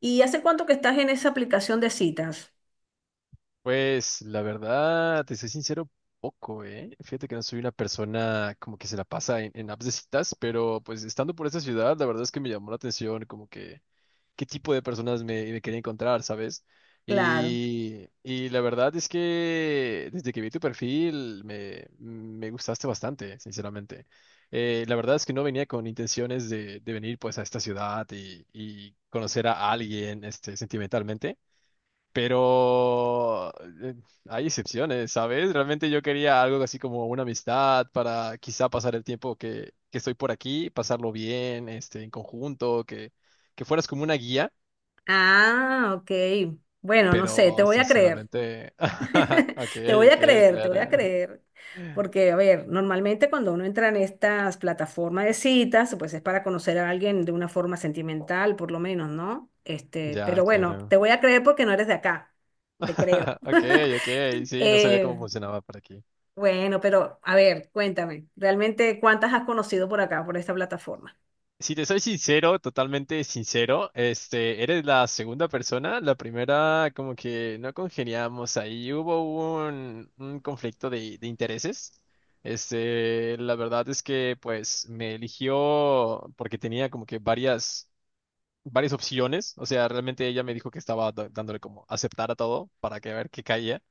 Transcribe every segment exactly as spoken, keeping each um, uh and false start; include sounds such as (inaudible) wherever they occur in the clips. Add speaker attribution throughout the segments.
Speaker 1: ¿Y hace cuánto que estás en esa aplicación de citas?
Speaker 2: Pues la verdad, te soy sincero, poco, ¿eh? Fíjate que no soy una persona como que se la pasa en, en apps de citas, pero pues estando por esta ciudad, la verdad es que me llamó la atención como que qué tipo de personas me, me quería encontrar, ¿sabes?
Speaker 1: Claro.
Speaker 2: Y, y la verdad es que desde que vi tu perfil me, me gustaste bastante, sinceramente. Eh, la verdad es que no venía con intenciones de, de venir pues a esta ciudad y, y conocer a alguien este, sentimentalmente. Pero eh, hay excepciones, ¿sabes? Realmente yo quería algo así como una amistad para quizá pasar el tiempo que, que estoy por aquí, pasarlo bien, este, en conjunto, que, que fueras como una guía,
Speaker 1: Ah, ok. Bueno, no sé, te
Speaker 2: pero
Speaker 1: voy a creer.
Speaker 2: sinceramente, (laughs)
Speaker 1: (laughs)
Speaker 2: ok,
Speaker 1: Te voy a
Speaker 2: ok,
Speaker 1: creer, te voy a
Speaker 2: claro.
Speaker 1: creer. Porque, a ver, normalmente cuando uno entra en estas plataformas de citas, pues es para conocer a alguien de una forma sentimental, por lo menos, ¿no? Este,
Speaker 2: Ya,
Speaker 1: pero bueno,
Speaker 2: claro.
Speaker 1: te voy a creer porque no eres de acá. Te creo.
Speaker 2: (laughs) Ok, ok, sí, no sabía cómo
Speaker 1: Eh,
Speaker 2: funcionaba por aquí.
Speaker 1: bueno, pero a ver, cuéntame, ¿realmente cuántas has conocido por acá, por esta plataforma?
Speaker 2: Si te soy sincero, totalmente sincero, este, eres la segunda persona, la primera como que no congeniamos ahí, hubo un, un conflicto de, de intereses. Este, la verdad es que pues me eligió porque tenía como que varias, varias opciones, o sea, realmente ella me dijo que estaba da- dándole como aceptar a todo para que a ver qué caía.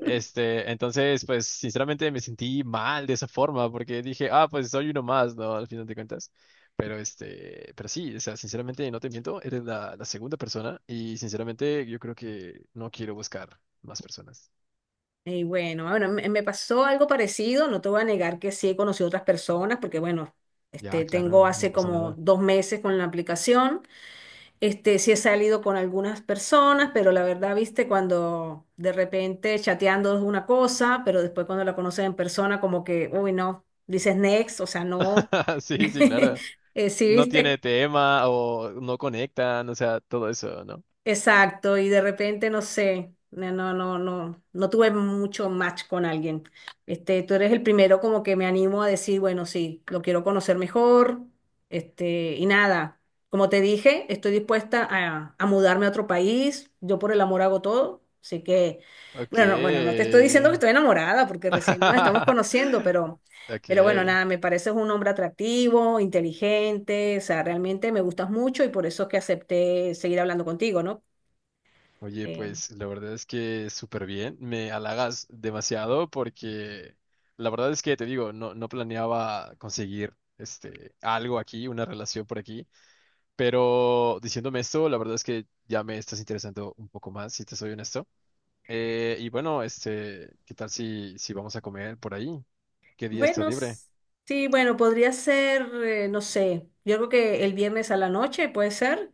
Speaker 2: Este, entonces, pues sinceramente me sentí mal de esa forma porque dije, ah, pues soy uno más, ¿no? Al final de cuentas. Pero este, pero sí, o sea, sinceramente no te miento, eres la, la segunda persona y sinceramente yo creo que no quiero buscar más personas.
Speaker 1: Y bueno, bueno, me me pasó algo parecido, no te voy a negar que sí he conocido otras personas, porque bueno,
Speaker 2: Ya,
Speaker 1: este, tengo
Speaker 2: claro, no
Speaker 1: hace
Speaker 2: pasa
Speaker 1: como
Speaker 2: nada.
Speaker 1: dos meses con la aplicación, este, sí he salido con algunas personas, pero la verdad, viste, cuando de repente chateando es una cosa, pero después cuando la conoces en persona, como que, uy, no, dices next, o sea, no.
Speaker 2: (laughs) Sí, sí,
Speaker 1: (laughs)
Speaker 2: claro.
Speaker 1: Eh, sí,
Speaker 2: No tiene
Speaker 1: viste.
Speaker 2: tema o no conectan, o sea, todo eso, ¿no?
Speaker 1: Exacto, y de repente no sé, no, no, no, no, no tuve mucho match con alguien. Este, tú eres el primero como que me animo a decir, bueno, sí, lo quiero conocer mejor, este, y nada, como te dije, estoy dispuesta a, a mudarme a otro país, yo por el amor hago todo, así que,
Speaker 2: Ok.
Speaker 1: bueno, no- bueno, no te estoy diciendo que estoy enamorada, porque recién nos estamos conociendo,
Speaker 2: (laughs)
Speaker 1: pero,
Speaker 2: Ok.
Speaker 1: pero bueno, nada, me pareces un hombre atractivo, inteligente, o sea, realmente me gustas mucho y por eso es que acepté seguir hablando contigo, ¿no?
Speaker 2: Oye,
Speaker 1: Eh,
Speaker 2: pues la verdad es que súper bien, me halagas demasiado porque la verdad es que te digo, no, no planeaba conseguir este algo aquí, una relación por aquí, pero diciéndome esto, la verdad es que ya me estás interesando un poco más, si te soy honesto. Eh, y bueno, este, ¿qué tal si, si vamos a comer por ahí? ¿Qué día está
Speaker 1: bueno,
Speaker 2: libre?
Speaker 1: s- sí, bueno, podría ser, eh, no sé, yo creo que el viernes a la noche puede ser.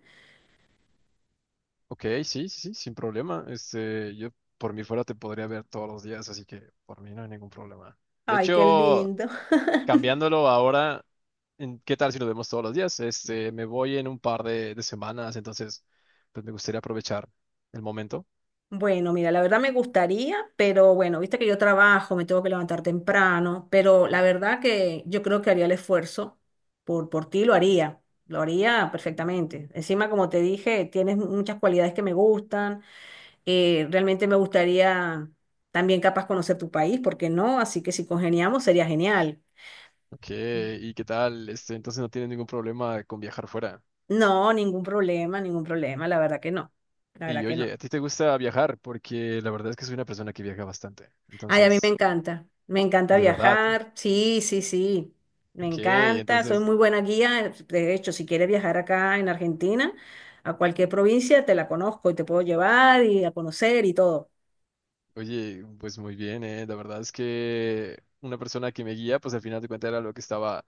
Speaker 2: Ok, sí, sí, sí, sin problema. Este, yo por mí fuera te podría ver todos los días, así que por mí no hay ningún problema. De
Speaker 1: Ay, qué
Speaker 2: hecho,
Speaker 1: lindo. (laughs)
Speaker 2: cambiándolo ahora, en- ¿qué tal si nos vemos todos los días? Este, me voy en un par de, de semanas, entonces, pues me gustaría aprovechar el momento.
Speaker 1: Bueno, mira, la verdad me gustaría, pero bueno, viste que yo trabajo, me tengo que levantar temprano, pero la verdad que yo creo que haría el esfuerzo por, por ti, lo haría, lo haría perfectamente. Encima, como te dije, tienes muchas cualidades que me gustan, eh, realmente me gustaría también capaz conocer tu país, ¿por qué no? Así que si congeniamos sería genial.
Speaker 2: Ok, ¿y qué tal? Este, entonces no tienes ningún problema con viajar fuera.
Speaker 1: No, ningún problema, ningún problema, la verdad que no, la verdad
Speaker 2: Y
Speaker 1: que no.
Speaker 2: oye, ¿a ti te gusta viajar? Porque la verdad es que soy una persona que viaja bastante.
Speaker 1: Ay, a mí me
Speaker 2: Entonces,
Speaker 1: encanta, me encanta
Speaker 2: de verdad.
Speaker 1: viajar, sí, sí, sí, me
Speaker 2: Ok,
Speaker 1: encanta, soy
Speaker 2: entonces,
Speaker 1: muy buena guía, de hecho, si quieres viajar acá en Argentina, a cualquier provincia, te la conozco y te puedo llevar y a conocer y todo.
Speaker 2: oye, pues muy bien, ¿eh? La verdad es que una persona que me guía, pues al final de cuentas era lo que estaba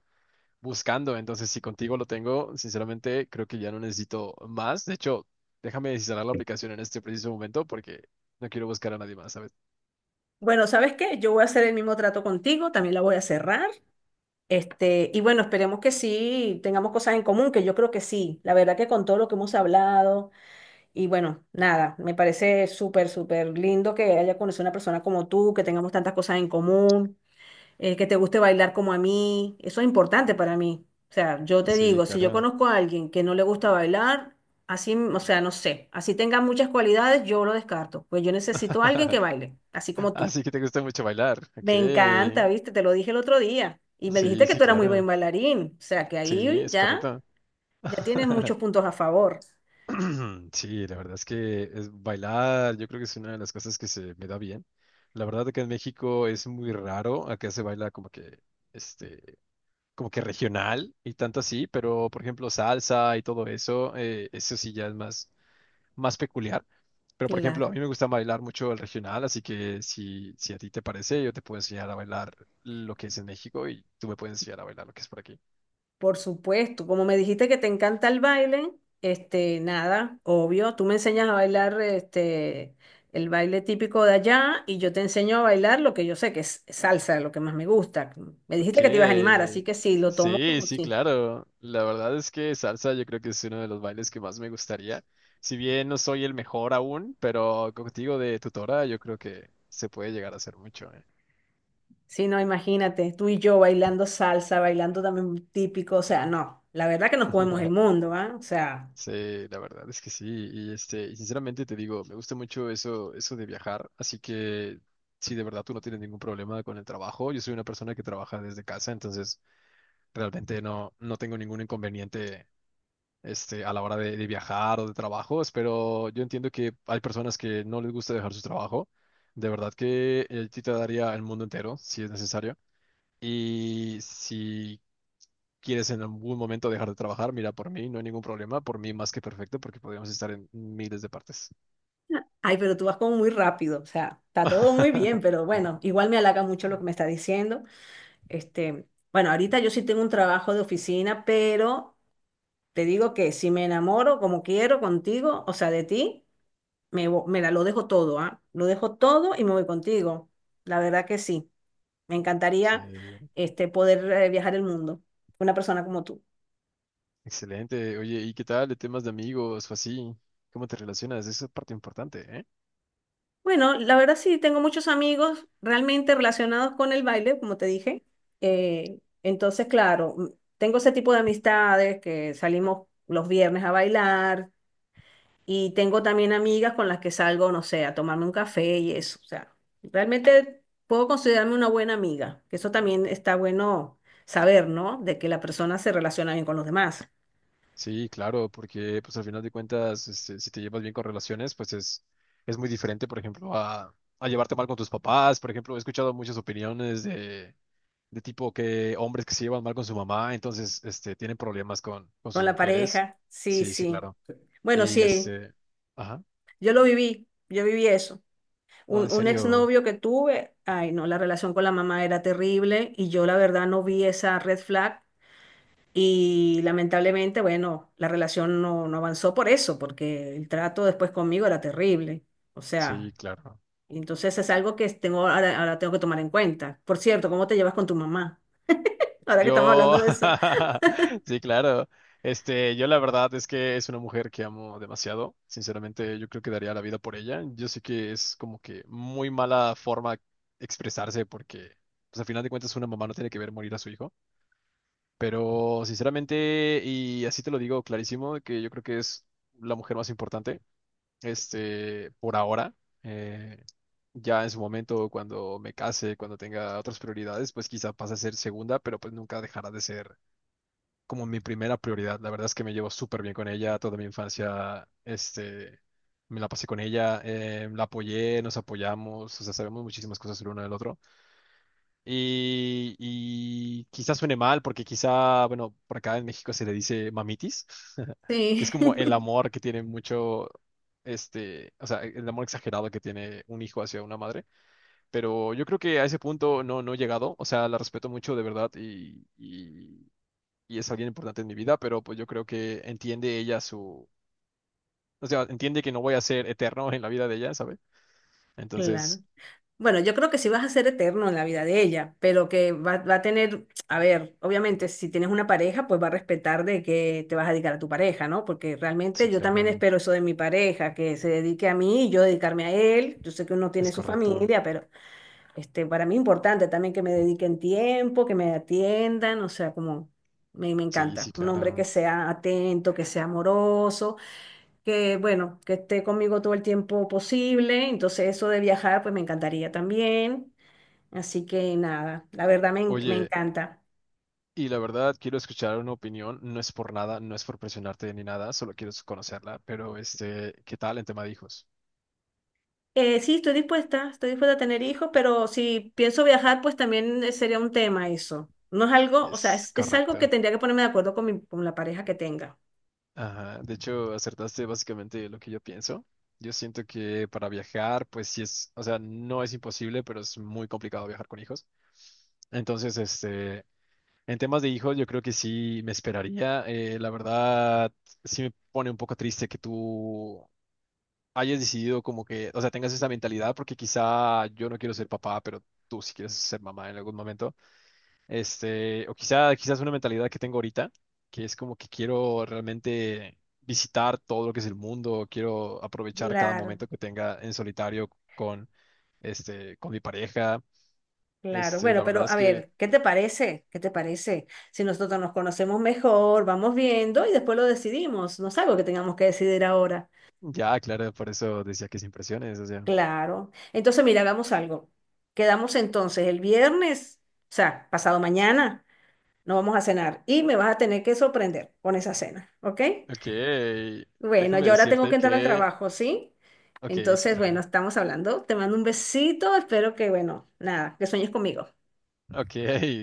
Speaker 2: buscando. Entonces, si contigo lo tengo, sinceramente creo que ya no necesito más. De hecho, déjame desinstalar la aplicación en este preciso momento porque no quiero buscar a nadie más, ¿sabes?
Speaker 1: Bueno, ¿sabes qué? Yo voy a hacer el mismo trato contigo, también la voy a cerrar, este, y bueno, esperemos que sí, tengamos cosas en común, que yo creo que sí, la verdad que con todo lo que hemos hablado. Y bueno, nada, me parece súper, súper lindo que haya conocido a una persona como tú, que tengamos tantas cosas en común, eh, que te guste bailar como a mí. Eso es importante para mí. O sea, yo te
Speaker 2: Sí,
Speaker 1: digo, si yo
Speaker 2: claro.
Speaker 1: conozco a alguien que no le gusta bailar, así, o sea, no sé, así tenga muchas cualidades, yo lo descarto. Pues yo necesito a alguien que baile, así
Speaker 2: (laughs)
Speaker 1: como tú.
Speaker 2: Así que te gusta mucho bailar. Ok.
Speaker 1: Me encanta, ¿viste? Te lo dije el otro día. Y me dijiste
Speaker 2: Sí,
Speaker 1: que
Speaker 2: sí,
Speaker 1: tú eras muy buen
Speaker 2: claro.
Speaker 1: bailarín. O sea, que
Speaker 2: Sí,
Speaker 1: ahí
Speaker 2: es
Speaker 1: ya,
Speaker 2: correcto.
Speaker 1: ya tienes muchos
Speaker 2: (laughs)
Speaker 1: puntos a favor.
Speaker 2: (clears throat) Sí, la verdad es que es bailar, yo creo que es una de las cosas que se me da bien. La verdad que en México es muy raro, acá se baila como que, este, como que regional y tanto así, pero por ejemplo salsa y todo eso, eh, eso sí ya es más, más peculiar. Pero por ejemplo,
Speaker 1: Claro.
Speaker 2: a mí me gusta bailar mucho el regional, así que si, si a ti te parece, yo te puedo enseñar a bailar lo que es en México y tú me puedes enseñar a bailar lo que es por aquí.
Speaker 1: Por supuesto, como me dijiste que te encanta el baile, este, nada, obvio, tú me enseñas a bailar este, el baile típico de allá y yo te enseño a bailar lo que yo sé que es salsa, lo que más me gusta. Me
Speaker 2: Ok.
Speaker 1: dijiste que te ibas a animar, así que sí, lo tomo
Speaker 2: Sí,
Speaker 1: como
Speaker 2: sí,
Speaker 1: sí.
Speaker 2: claro. La verdad es que salsa yo creo que es uno de los bailes que más me gustaría. Si bien no soy el mejor aún, pero contigo de tutora yo creo que se puede llegar a hacer mucho, ¿eh?
Speaker 1: Sí, no, imagínate, tú y yo bailando salsa, bailando también típico, o sea, no, la verdad que nos comemos el
Speaker 2: (laughs)
Speaker 1: mundo, ¿ah? O sea,
Speaker 2: Sí, la verdad es que sí. Y este, y sinceramente te digo, me gusta mucho eso, eso de viajar. Así que si de verdad tú no tienes ningún problema con el trabajo, yo soy una persona que trabaja desde casa, entonces realmente no, no tengo ningún inconveniente, este, a la hora de, de viajar o de trabajos, pero yo entiendo que hay personas que no les gusta dejar su trabajo. De verdad que eh, a te daría el mundo entero, si es necesario. Y si quieres en algún momento dejar de trabajar, mira, por mí no hay ningún problema, por mí más que perfecto, porque podríamos estar en miles de partes.
Speaker 1: ay, pero tú vas como muy rápido, o sea, está todo muy bien,
Speaker 2: (laughs)
Speaker 1: pero bueno, igual me halaga mucho lo que me está diciendo. Este, bueno, ahorita yo sí tengo un trabajo de oficina, pero te digo que si me enamoro como quiero contigo, o sea, de ti, me, vo- me la- lo dejo todo, ¿ah? Lo dejo todo y me voy contigo. La verdad que sí. Me encantaría
Speaker 2: Que-
Speaker 1: este, poder eh, viajar el mundo, una persona como tú.
Speaker 2: Excelente. Oye, ¿y qué tal de temas de amigos o así? ¿Cómo te relacionas? Esa es parte importante, ¿eh?
Speaker 1: Bueno, la verdad sí, tengo muchos amigos realmente relacionados con el baile, como te dije. Eh, entonces, claro, m- tengo ese tipo de amistades que salimos los viernes a bailar. Y tengo también amigas con las que salgo, no sé, a tomarme un café y eso. O sea, realmente puedo considerarme una buena amiga, que eso también está bueno saber, ¿no? De que la persona se relaciona bien con los demás,
Speaker 2: Sí, claro, porque pues al final de cuentas, este, si te llevas bien con relaciones, pues es, es muy diferente, por ejemplo, a, a llevarte mal con tus papás. Por ejemplo, he escuchado muchas opiniones de, de tipo que hombres que se llevan mal con su mamá, entonces este, tienen problemas con, con
Speaker 1: con
Speaker 2: sus
Speaker 1: la
Speaker 2: mujeres.
Speaker 1: pareja. Sí,
Speaker 2: Sí, sí,
Speaker 1: sí.
Speaker 2: claro.
Speaker 1: Bueno,
Speaker 2: Y
Speaker 1: sí,
Speaker 2: este, ajá,
Speaker 1: yo lo viví, yo viví eso.
Speaker 2: oh, en
Speaker 1: Un, un
Speaker 2: serio,
Speaker 1: exnovio que tuve, ay, no, la relación con la mamá era terrible y yo la verdad no vi esa red flag. Y lamentablemente, bueno, la relación no, no avanzó por eso, porque el trato después conmigo era terrible. O sea,
Speaker 2: sí, claro.
Speaker 1: y entonces es algo que tengo, ahora, ahora tengo que tomar en cuenta. Por cierto, ¿cómo te llevas con tu mamá? Ahora que estamos
Speaker 2: Yo,
Speaker 1: hablando de eso.
Speaker 2: (laughs) sí, claro. Este, yo la verdad es que es una mujer que amo demasiado. Sinceramente, yo creo que daría la vida por ella. Yo sé que es como que muy mala forma expresarse porque, pues al final de cuentas, una mamá no tiene que ver morir a su hijo. Pero, sinceramente, y así te lo digo clarísimo, que yo creo que es la mujer más importante, este, por ahora. Eh, Ya en su momento, cuando me case, cuando tenga otras prioridades, pues quizá pase a ser segunda, pero pues nunca dejará de ser como mi primera prioridad. La verdad es que me llevo súper bien con ella, toda mi infancia, este, me la pasé con ella, eh, la apoyé, nos apoyamos, o sea, sabemos muchísimas cosas el uno del otro. Y, y quizá suene mal, porque quizá, bueno, por acá en México se le dice mamitis, (laughs) que
Speaker 1: Sí,
Speaker 2: es como el
Speaker 1: (laughs)
Speaker 2: amor que tiene mucho, este, o sea, el amor exagerado que tiene un hijo hacia una madre, pero yo creo que a ese punto no, no he llegado. O sea, la respeto mucho de verdad y, y, y es alguien importante en mi vida, pero pues yo creo que entiende ella su. O sea, entiende que no voy a ser eterno en la vida de ella, ¿sabe?
Speaker 1: claro.
Speaker 2: Entonces,
Speaker 1: Bueno, yo creo que sí vas a ser eterno en la vida de ella, pero que va, va a tener, a ver, obviamente si tienes una pareja, pues va a respetar de que te vas a dedicar a tu pareja, ¿no? Porque
Speaker 2: sí,
Speaker 1: realmente yo también
Speaker 2: claro,
Speaker 1: espero eso de mi pareja, que se dedique a mí y yo dedicarme a él. Yo sé que uno tiene
Speaker 2: es
Speaker 1: su
Speaker 2: correcto.
Speaker 1: familia, pero este, para mí es importante también que me dediquen tiempo, que me atiendan, o sea, como me, me
Speaker 2: Sí,
Speaker 1: encanta.
Speaker 2: sí,
Speaker 1: Un hombre que
Speaker 2: claro.
Speaker 1: sea atento, que sea amoroso, que bueno, que esté conmigo todo el tiempo posible. Entonces eso de viajar, pues me encantaría también. Así que nada, la verdad me, en- me
Speaker 2: Oye,
Speaker 1: encanta.
Speaker 2: y la verdad, quiero escuchar una opinión. No es por nada, no es por presionarte ni nada, solo quiero conocerla, pero este, ¿qué tal en tema de hijos?
Speaker 1: Eh, sí, estoy dispuesta, estoy dispuesta a tener hijos, pero si pienso viajar, pues también eh, sería un tema eso. No es algo, o sea,
Speaker 2: Es
Speaker 1: es, es algo que
Speaker 2: correcto.
Speaker 1: tendría que ponerme de acuerdo con mi- con la pareja que tenga.
Speaker 2: Ajá, de hecho, acertaste básicamente lo que yo pienso. Yo siento que para viajar, pues sí es, o sea, no es imposible, pero es muy complicado viajar con hijos. Entonces, este, en temas de hijos, yo creo que sí me esperaría. Eh, la verdad, sí me pone un poco triste que tú hayas decidido como que, o sea, tengas esa mentalidad, porque quizá yo no quiero ser papá, pero tú sí quieres ser mamá en algún momento. Este, o quizá, quizás una mentalidad que tengo ahorita, que es como que quiero realmente visitar todo lo que es el mundo, quiero aprovechar cada
Speaker 1: Claro,
Speaker 2: momento que tenga en solitario con, este, con mi pareja.
Speaker 1: claro.
Speaker 2: Este,
Speaker 1: Bueno,
Speaker 2: la verdad
Speaker 1: pero a
Speaker 2: es que
Speaker 1: ver, ¿qué te parece? ¿Qué te parece? Si nosotros nos conocemos mejor, vamos viendo y después lo decidimos. No es algo que tengamos que decidir ahora.
Speaker 2: ya, claro, por eso decía que sin presiones, o sea.
Speaker 1: Claro. Entonces, mira, hagamos algo. Quedamos entonces el viernes, o sea, pasado mañana, no vamos a cenar y me vas a tener que sorprender con esa cena, ¿ok?
Speaker 2: Ok,
Speaker 1: Bueno,
Speaker 2: déjame
Speaker 1: yo ahora tengo
Speaker 2: decirte
Speaker 1: que entrar al
Speaker 2: que,
Speaker 1: trabajo, ¿sí?
Speaker 2: ok, sí,
Speaker 1: Entonces, bueno,
Speaker 2: claro.
Speaker 1: estamos hablando. Te mando un besito. Espero que, bueno, nada, que sueñes conmigo.
Speaker 2: Ok, (laughs)